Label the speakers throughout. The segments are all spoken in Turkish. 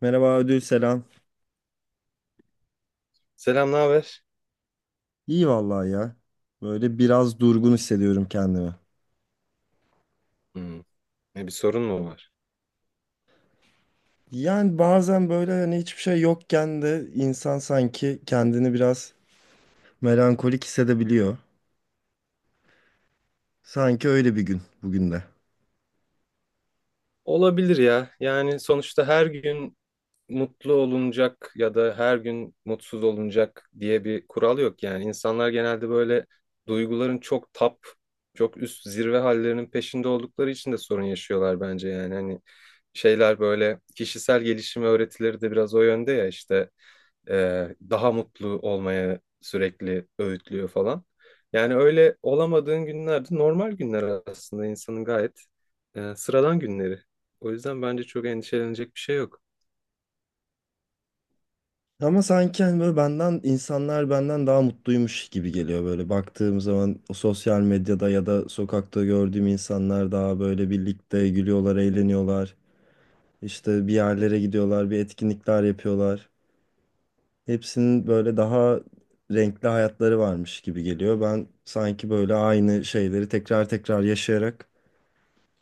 Speaker 1: Merhaba ödül selam.
Speaker 2: Selam, ne haber?
Speaker 1: İyi vallahi ya. Böyle biraz durgun hissediyorum kendimi.
Speaker 2: Hmm, Ne bir sorun mu var?
Speaker 1: Yani bazen böyle hani hiçbir şey yokken de insan sanki kendini biraz melankolik hissedebiliyor. Sanki öyle bir gün bugün de.
Speaker 2: Olabilir ya. Yani sonuçta her gün mutlu olunacak ya da her gün mutsuz olunacak diye bir kural yok yani. İnsanlar genelde böyle duyguların çok çok üst zirve hallerinin peşinde oldukları için de sorun yaşıyorlar bence yani. Hani şeyler böyle kişisel gelişim öğretileri de biraz o yönde ya işte, daha mutlu olmaya sürekli öğütlüyor falan. Yani öyle olamadığın günlerde normal günler aslında insanın gayet sıradan günleri. O yüzden bence çok endişelenecek bir şey yok.
Speaker 1: Ama sanki hani böyle insanlar benden daha mutluymuş gibi geliyor böyle baktığım zaman o sosyal medyada ya da sokakta gördüğüm insanlar daha böyle birlikte gülüyorlar, eğleniyorlar. İşte bir yerlere gidiyorlar, bir etkinlikler yapıyorlar. Hepsinin böyle daha renkli hayatları varmış gibi geliyor. Ben sanki böyle aynı şeyleri tekrar tekrar yaşayarak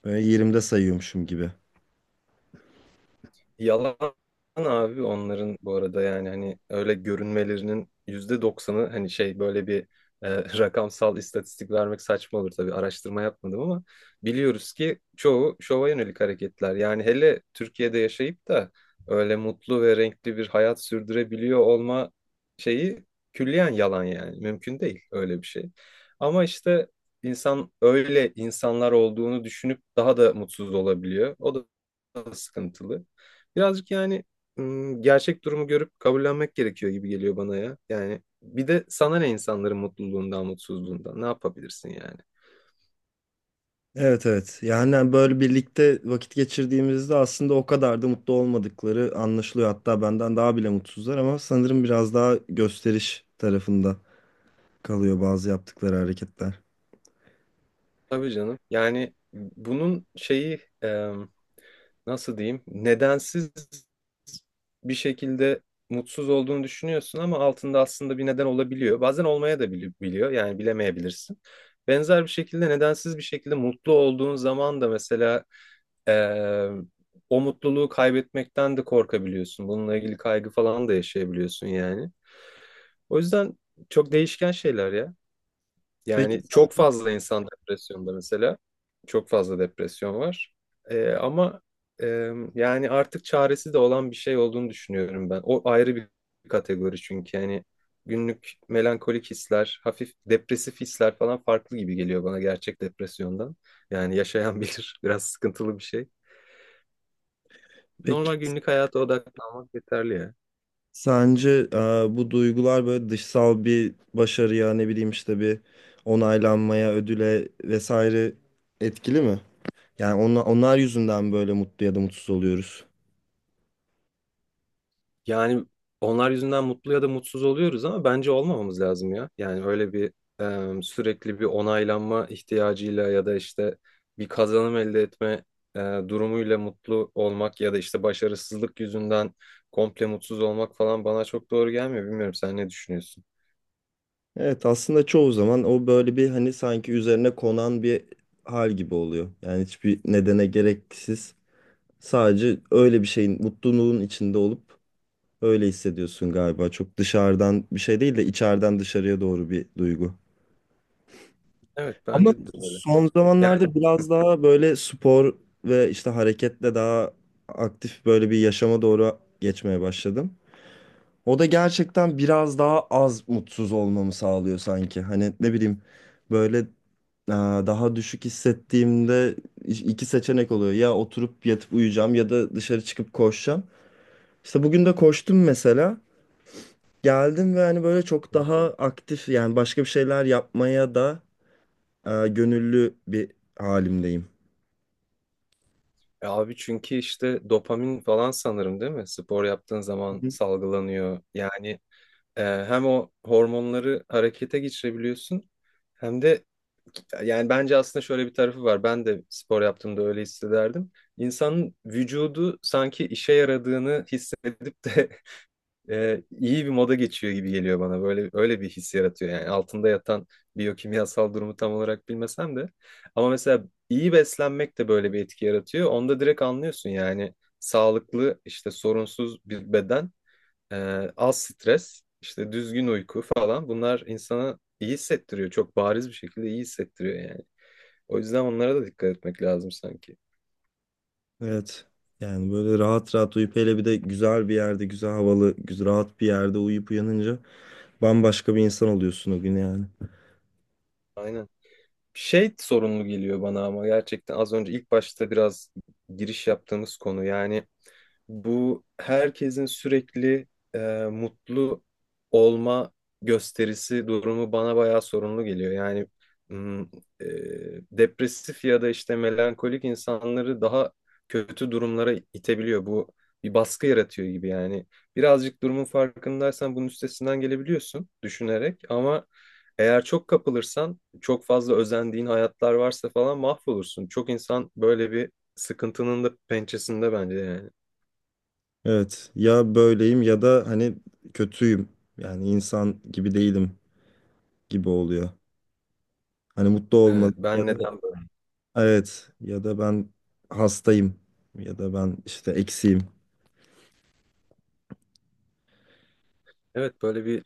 Speaker 1: böyle yerimde sayıyormuşum gibi.
Speaker 2: Yalan abi, onların bu arada yani hani öyle görünmelerinin %90'ı, hani şey, böyle bir e, rakamsal istatistik vermek saçma olur tabii, araştırma yapmadım, ama biliyoruz ki çoğu şova yönelik hareketler. Yani hele Türkiye'de yaşayıp da öyle mutlu ve renkli bir hayat sürdürebiliyor olma şeyi külliyen yalan yani, mümkün değil öyle bir şey. Ama işte insan öyle insanlar olduğunu düşünüp daha da mutsuz olabiliyor. O da sıkıntılı. Birazcık yani, gerçek durumu görüp kabullenmek gerekiyor gibi geliyor bana ya. Yani bir de sana ne insanların mutluluğundan, mutsuzluğundan, ne yapabilirsin yani?
Speaker 1: Evet, evet. Yani böyle birlikte vakit geçirdiğimizde aslında o kadar da mutlu olmadıkları anlaşılıyor. Hatta benden daha bile mutsuzlar ama sanırım biraz daha gösteriş tarafında kalıyor bazı yaptıkları hareketler.
Speaker 2: Tabii canım. Yani bunun şeyi, nasıl diyeyim, nedensiz bir şekilde mutsuz olduğunu düşünüyorsun ama altında aslında bir neden olabiliyor. Bazen olmaya da biliyor yani, bilemeyebilirsin. Benzer bir şekilde nedensiz bir şekilde mutlu olduğun zaman da mesela eee, o mutluluğu kaybetmekten de korkabiliyorsun. Bununla ilgili kaygı falan da yaşayabiliyorsun yani. O yüzden çok değişken şeyler ya.
Speaker 1: Peki,
Speaker 2: Yani çok fazla insan depresyonda mesela. Çok fazla depresyon var. Ama e, yani artık çaresi de olan bir şey olduğunu düşünüyorum ben. O ayrı bir kategori çünkü yani, günlük melankolik hisler, hafif depresif hisler falan farklı gibi geliyor bana gerçek depresyondan. Yani yaşayan bilir biraz sıkıntılı bir şey.
Speaker 1: peki.
Speaker 2: Normal günlük hayata odaklanmak yeterli ya.
Speaker 1: Sence bu duygular böyle dışsal bir başarıya ne bileyim işte bir onaylanmaya, ödüle vesaire etkili mi? Yani onlar yüzünden böyle mutlu ya da mutsuz oluyoruz.
Speaker 2: Yani onlar yüzünden mutlu ya da mutsuz oluyoruz ama bence olmamamız lazım ya. Yani öyle bir sürekli bir onaylanma ihtiyacıyla ya da işte bir kazanım elde etme e, durumuyla mutlu olmak, ya da işte başarısızlık yüzünden komple mutsuz olmak falan bana çok doğru gelmiyor. Bilmiyorum, sen ne düşünüyorsun?
Speaker 1: Evet, aslında çoğu zaman o böyle bir hani sanki üzerine konan bir hal gibi oluyor. Yani hiçbir nedene gereksiz sadece öyle bir şeyin mutluluğun içinde olup öyle hissediyorsun galiba. Çok dışarıdan bir şey değil de içeriden dışarıya doğru bir duygu.
Speaker 2: Evet,
Speaker 1: Ama
Speaker 2: bence de öyle.
Speaker 1: son
Speaker 2: Yani
Speaker 1: zamanlarda biraz daha böyle spor ve işte hareketle daha aktif böyle bir yaşama doğru geçmeye başladım. O da gerçekten biraz daha az mutsuz olmamı sağlıyor sanki. Hani ne bileyim böyle daha düşük hissettiğimde iki seçenek oluyor. Ya oturup yatıp uyuyacağım ya da dışarı çıkıp koşacağım. İşte bugün de koştum mesela. Geldim ve hani böyle çok daha aktif, yani başka bir şeyler yapmaya da gönüllü bir halimdeyim.
Speaker 2: abi, çünkü işte dopamin falan sanırım değil mi? Spor yaptığın zaman salgılanıyor. Yani Ee, hem o hormonları harekete geçirebiliyorsun, hem de yani bence aslında şöyle bir tarafı var. Ben de spor yaptığımda öyle hissederdim. İnsanın vücudu sanki işe yaradığını hissedip de iyi bir moda geçiyor gibi geliyor bana. Böyle öyle bir his yaratıyor yani, altında yatan biyokimyasal durumu tam olarak bilmesem de. Ama mesela iyi beslenmek de böyle bir etki yaratıyor. Onda direkt anlıyorsun yani, sağlıklı, işte sorunsuz bir beden, az stres, işte düzgün uyku falan, bunlar insana iyi hissettiriyor. Çok bariz bir şekilde iyi hissettiriyor yani. O yüzden onlara da dikkat etmek lazım sanki.
Speaker 1: Evet. Yani böyle rahat rahat uyup hele bir de güzel bir yerde, güzel havalı, güzel rahat bir yerde uyuyup uyanınca bambaşka bir insan oluyorsun o gün yani.
Speaker 2: Aynen. Şey sorunlu geliyor bana, ama gerçekten az önce ilk başta biraz giriş yaptığımız konu yani, bu herkesin sürekli e, mutlu olma gösterisi durumu bana bayağı sorunlu geliyor. Yani mm, e, depresif ya da işte melankolik insanları daha kötü durumlara itebiliyor. Bu bir baskı yaratıyor gibi yani. Birazcık durumun farkındaysan bunun üstesinden gelebiliyorsun düşünerek, ama eğer çok kapılırsan, çok fazla özendiğin hayatlar varsa falan, mahvolursun. Çok insan böyle bir sıkıntının da pençesinde bence yani.
Speaker 1: Evet. Ya böyleyim ya da hani kötüyüm. Yani insan gibi değilim gibi oluyor. Hani mutlu olmalı
Speaker 2: Evet,
Speaker 1: ya
Speaker 2: ben
Speaker 1: da
Speaker 2: neden böyle?
Speaker 1: evet, ya da ben hastayım ya da ben işte eksiğim.
Speaker 2: Evet, böyle bir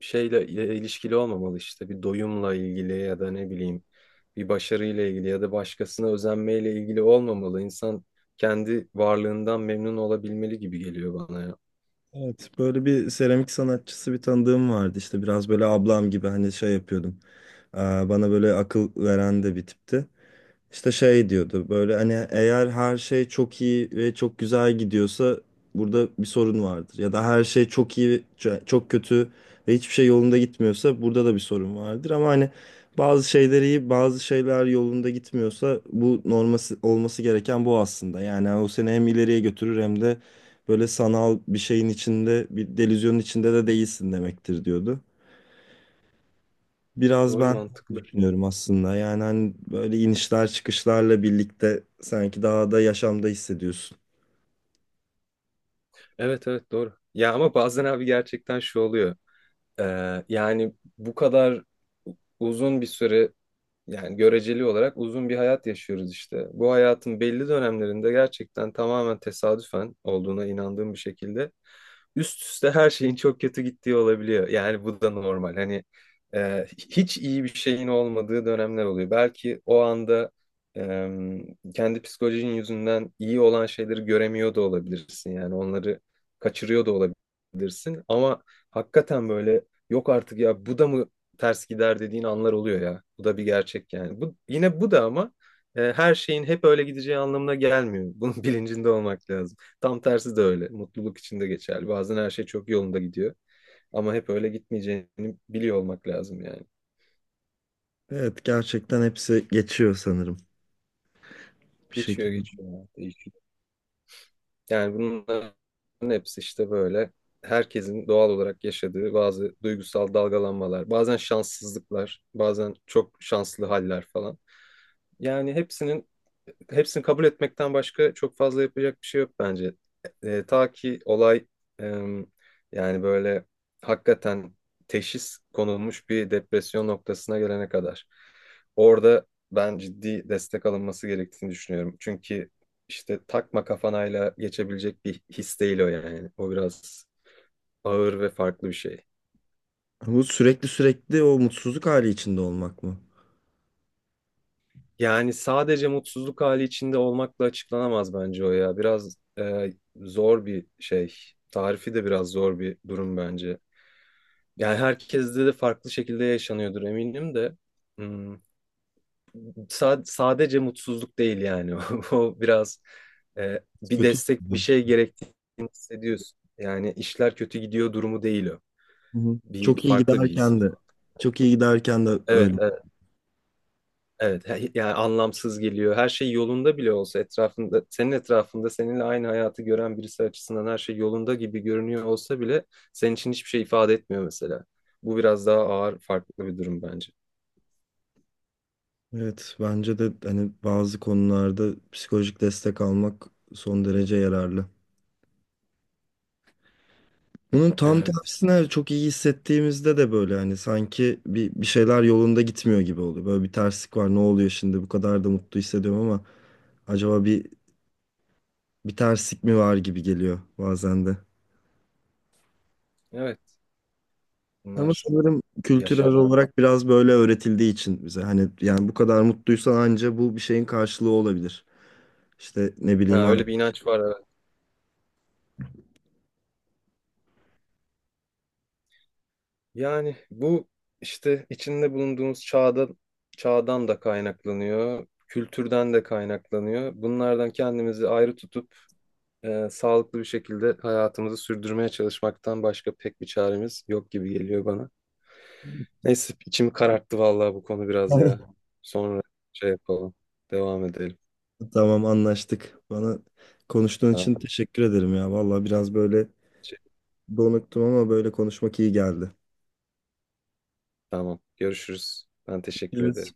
Speaker 2: şeyle ilişkili olmamalı işte. Bir doyumla ilgili ya da ne bileyim, bir başarıyla ilgili ya da başkasına özenmeyle ilgili olmamalı. İnsan kendi varlığından memnun olabilmeli gibi geliyor bana ya.
Speaker 1: Evet, böyle bir seramik sanatçısı bir tanıdığım vardı, işte biraz böyle ablam gibi hani şey yapıyordum. Aa, bana böyle akıl veren de bir tipti. İşte şey diyordu böyle, hani eğer her şey çok iyi ve çok güzel gidiyorsa burada bir sorun vardır. Ya da her şey çok iyi, çok kötü ve hiçbir şey yolunda gitmiyorsa burada da bir sorun vardır. Ama hani bazı şeyler iyi, bazı şeyler yolunda gitmiyorsa bu norması olması gereken bu aslında. Yani o seni hem ileriye götürür hem de böyle sanal bir şeyin içinde, bir delüzyonun içinde de değilsin demektir diyordu. Biraz
Speaker 2: Doğru,
Speaker 1: ben
Speaker 2: mantıklı.
Speaker 1: düşünüyorum aslında. Yani hani böyle inişler çıkışlarla birlikte sanki daha da yaşamda hissediyorsun.
Speaker 2: Evet, evet, doğru. Ya ama bazen abi gerçekten şu oluyor. Yani bu kadar uzun bir süre, yani göreceli olarak uzun bir hayat yaşıyoruz işte. Bu hayatın belli dönemlerinde gerçekten tamamen tesadüfen olduğuna inandığım bir şekilde üst üste her şeyin çok kötü gittiği olabiliyor. Yani bu da normal. Hani hiç iyi bir şeyin olmadığı dönemler oluyor. Belki o anda e, kendi psikolojinin yüzünden iyi olan şeyleri göremiyor da olabilirsin. Yani onları kaçırıyor da olabilirsin. Ama hakikaten böyle, yok artık ya, bu da mı ters gider dediğin anlar oluyor ya. Bu da bir gerçek yani. Bu yine, bu da ama her şeyin hep öyle gideceği anlamına gelmiyor. Bunun bilincinde olmak lazım. Tam tersi de öyle. Mutluluk için de geçerli. Bazen her şey çok yolunda gidiyor ama hep öyle gitmeyeceğini biliyor olmak lazım yani.
Speaker 1: Evet, gerçekten hepsi geçiyor sanırım bir
Speaker 2: Geçiyor,
Speaker 1: şekilde.
Speaker 2: geçiyor ya, değişiyor. Yani bunların hepsi işte böyle herkesin doğal olarak yaşadığı bazı duygusal dalgalanmalar, bazen şanssızlıklar, bazen çok şanslı haller falan. Yani hepsini kabul etmekten başka çok fazla yapacak bir şey yok bence. Ta ki olay, e, yani böyle hakikaten teşhis konulmuş bir depresyon noktasına gelene kadar. Orada ben ciddi destek alınması gerektiğini düşünüyorum. Çünkü işte takma kafanayla geçebilecek bir his değil o yani. O biraz ağır ve farklı bir şey.
Speaker 1: Bu sürekli sürekli o mutsuzluk hali içinde olmak mı?
Speaker 2: Yani sadece mutsuzluk hali içinde olmakla açıklanamaz bence o ya. Biraz zor bir şey. Tarifi de biraz zor bir durum bence. Yani herkeste de farklı şekilde yaşanıyordur eminim de. Hmm, sadece mutsuzluk değil yani. O biraz bir
Speaker 1: Kötü
Speaker 2: destek, bir şey
Speaker 1: hissediyorsun.
Speaker 2: gerektiğini hissediyorsun. Yani işler kötü gidiyor durumu değil o.
Speaker 1: Hı hı.
Speaker 2: Bir
Speaker 1: Çok iyi
Speaker 2: farklı bir his.
Speaker 1: giderken de, çok iyi giderken de öyle.
Speaker 2: Evet, evet. Evet, yani anlamsız geliyor. Her şey yolunda bile olsa etrafında, senin etrafında seninle aynı hayatı gören birisi açısından her şey yolunda gibi görünüyor olsa bile senin için hiçbir şey ifade etmiyor mesela. Bu biraz daha ağır, farklı bir durum bence.
Speaker 1: Evet, bence de hani bazı konularda psikolojik destek almak son derece yararlı. Bunun tam
Speaker 2: Evet,
Speaker 1: tersine çok iyi hissettiğimizde de böyle hani sanki bir şeyler yolunda gitmiyor gibi oluyor. Böyle bir terslik var. Ne oluyor şimdi? Bu kadar da mutlu hissediyorum ama acaba bir terslik mi var gibi geliyor bazen de.
Speaker 2: evet.
Speaker 1: Ama
Speaker 2: Bunlar
Speaker 1: sanırım kültürel
Speaker 2: yaşanan.
Speaker 1: olarak biraz böyle öğretildiği için bize hani, yani bu kadar mutluysan anca bu bir şeyin karşılığı olabilir. İşte ne
Speaker 2: Ha,
Speaker 1: bileyim abi.
Speaker 2: öyle bir inanç var, evet. Yani bu işte içinde bulunduğumuz çağdan da kaynaklanıyor, kültürden de kaynaklanıyor. Bunlardan kendimizi ayrı tutup sağlıklı bir şekilde hayatımızı sürdürmeye çalışmaktan başka pek bir çaremiz yok gibi geliyor bana. Neyse, içimi kararttı vallahi bu konu biraz ya. Sonra şey yapalım. Devam edelim.
Speaker 1: Tamam, anlaştık. Bana konuştuğun için
Speaker 2: Tamam.
Speaker 1: teşekkür ederim ya. Vallahi biraz böyle
Speaker 2: Şey-
Speaker 1: donuktum ama böyle konuşmak iyi geldi.
Speaker 2: tamam. Görüşürüz. Ben teşekkür
Speaker 1: Evet.
Speaker 2: ederim.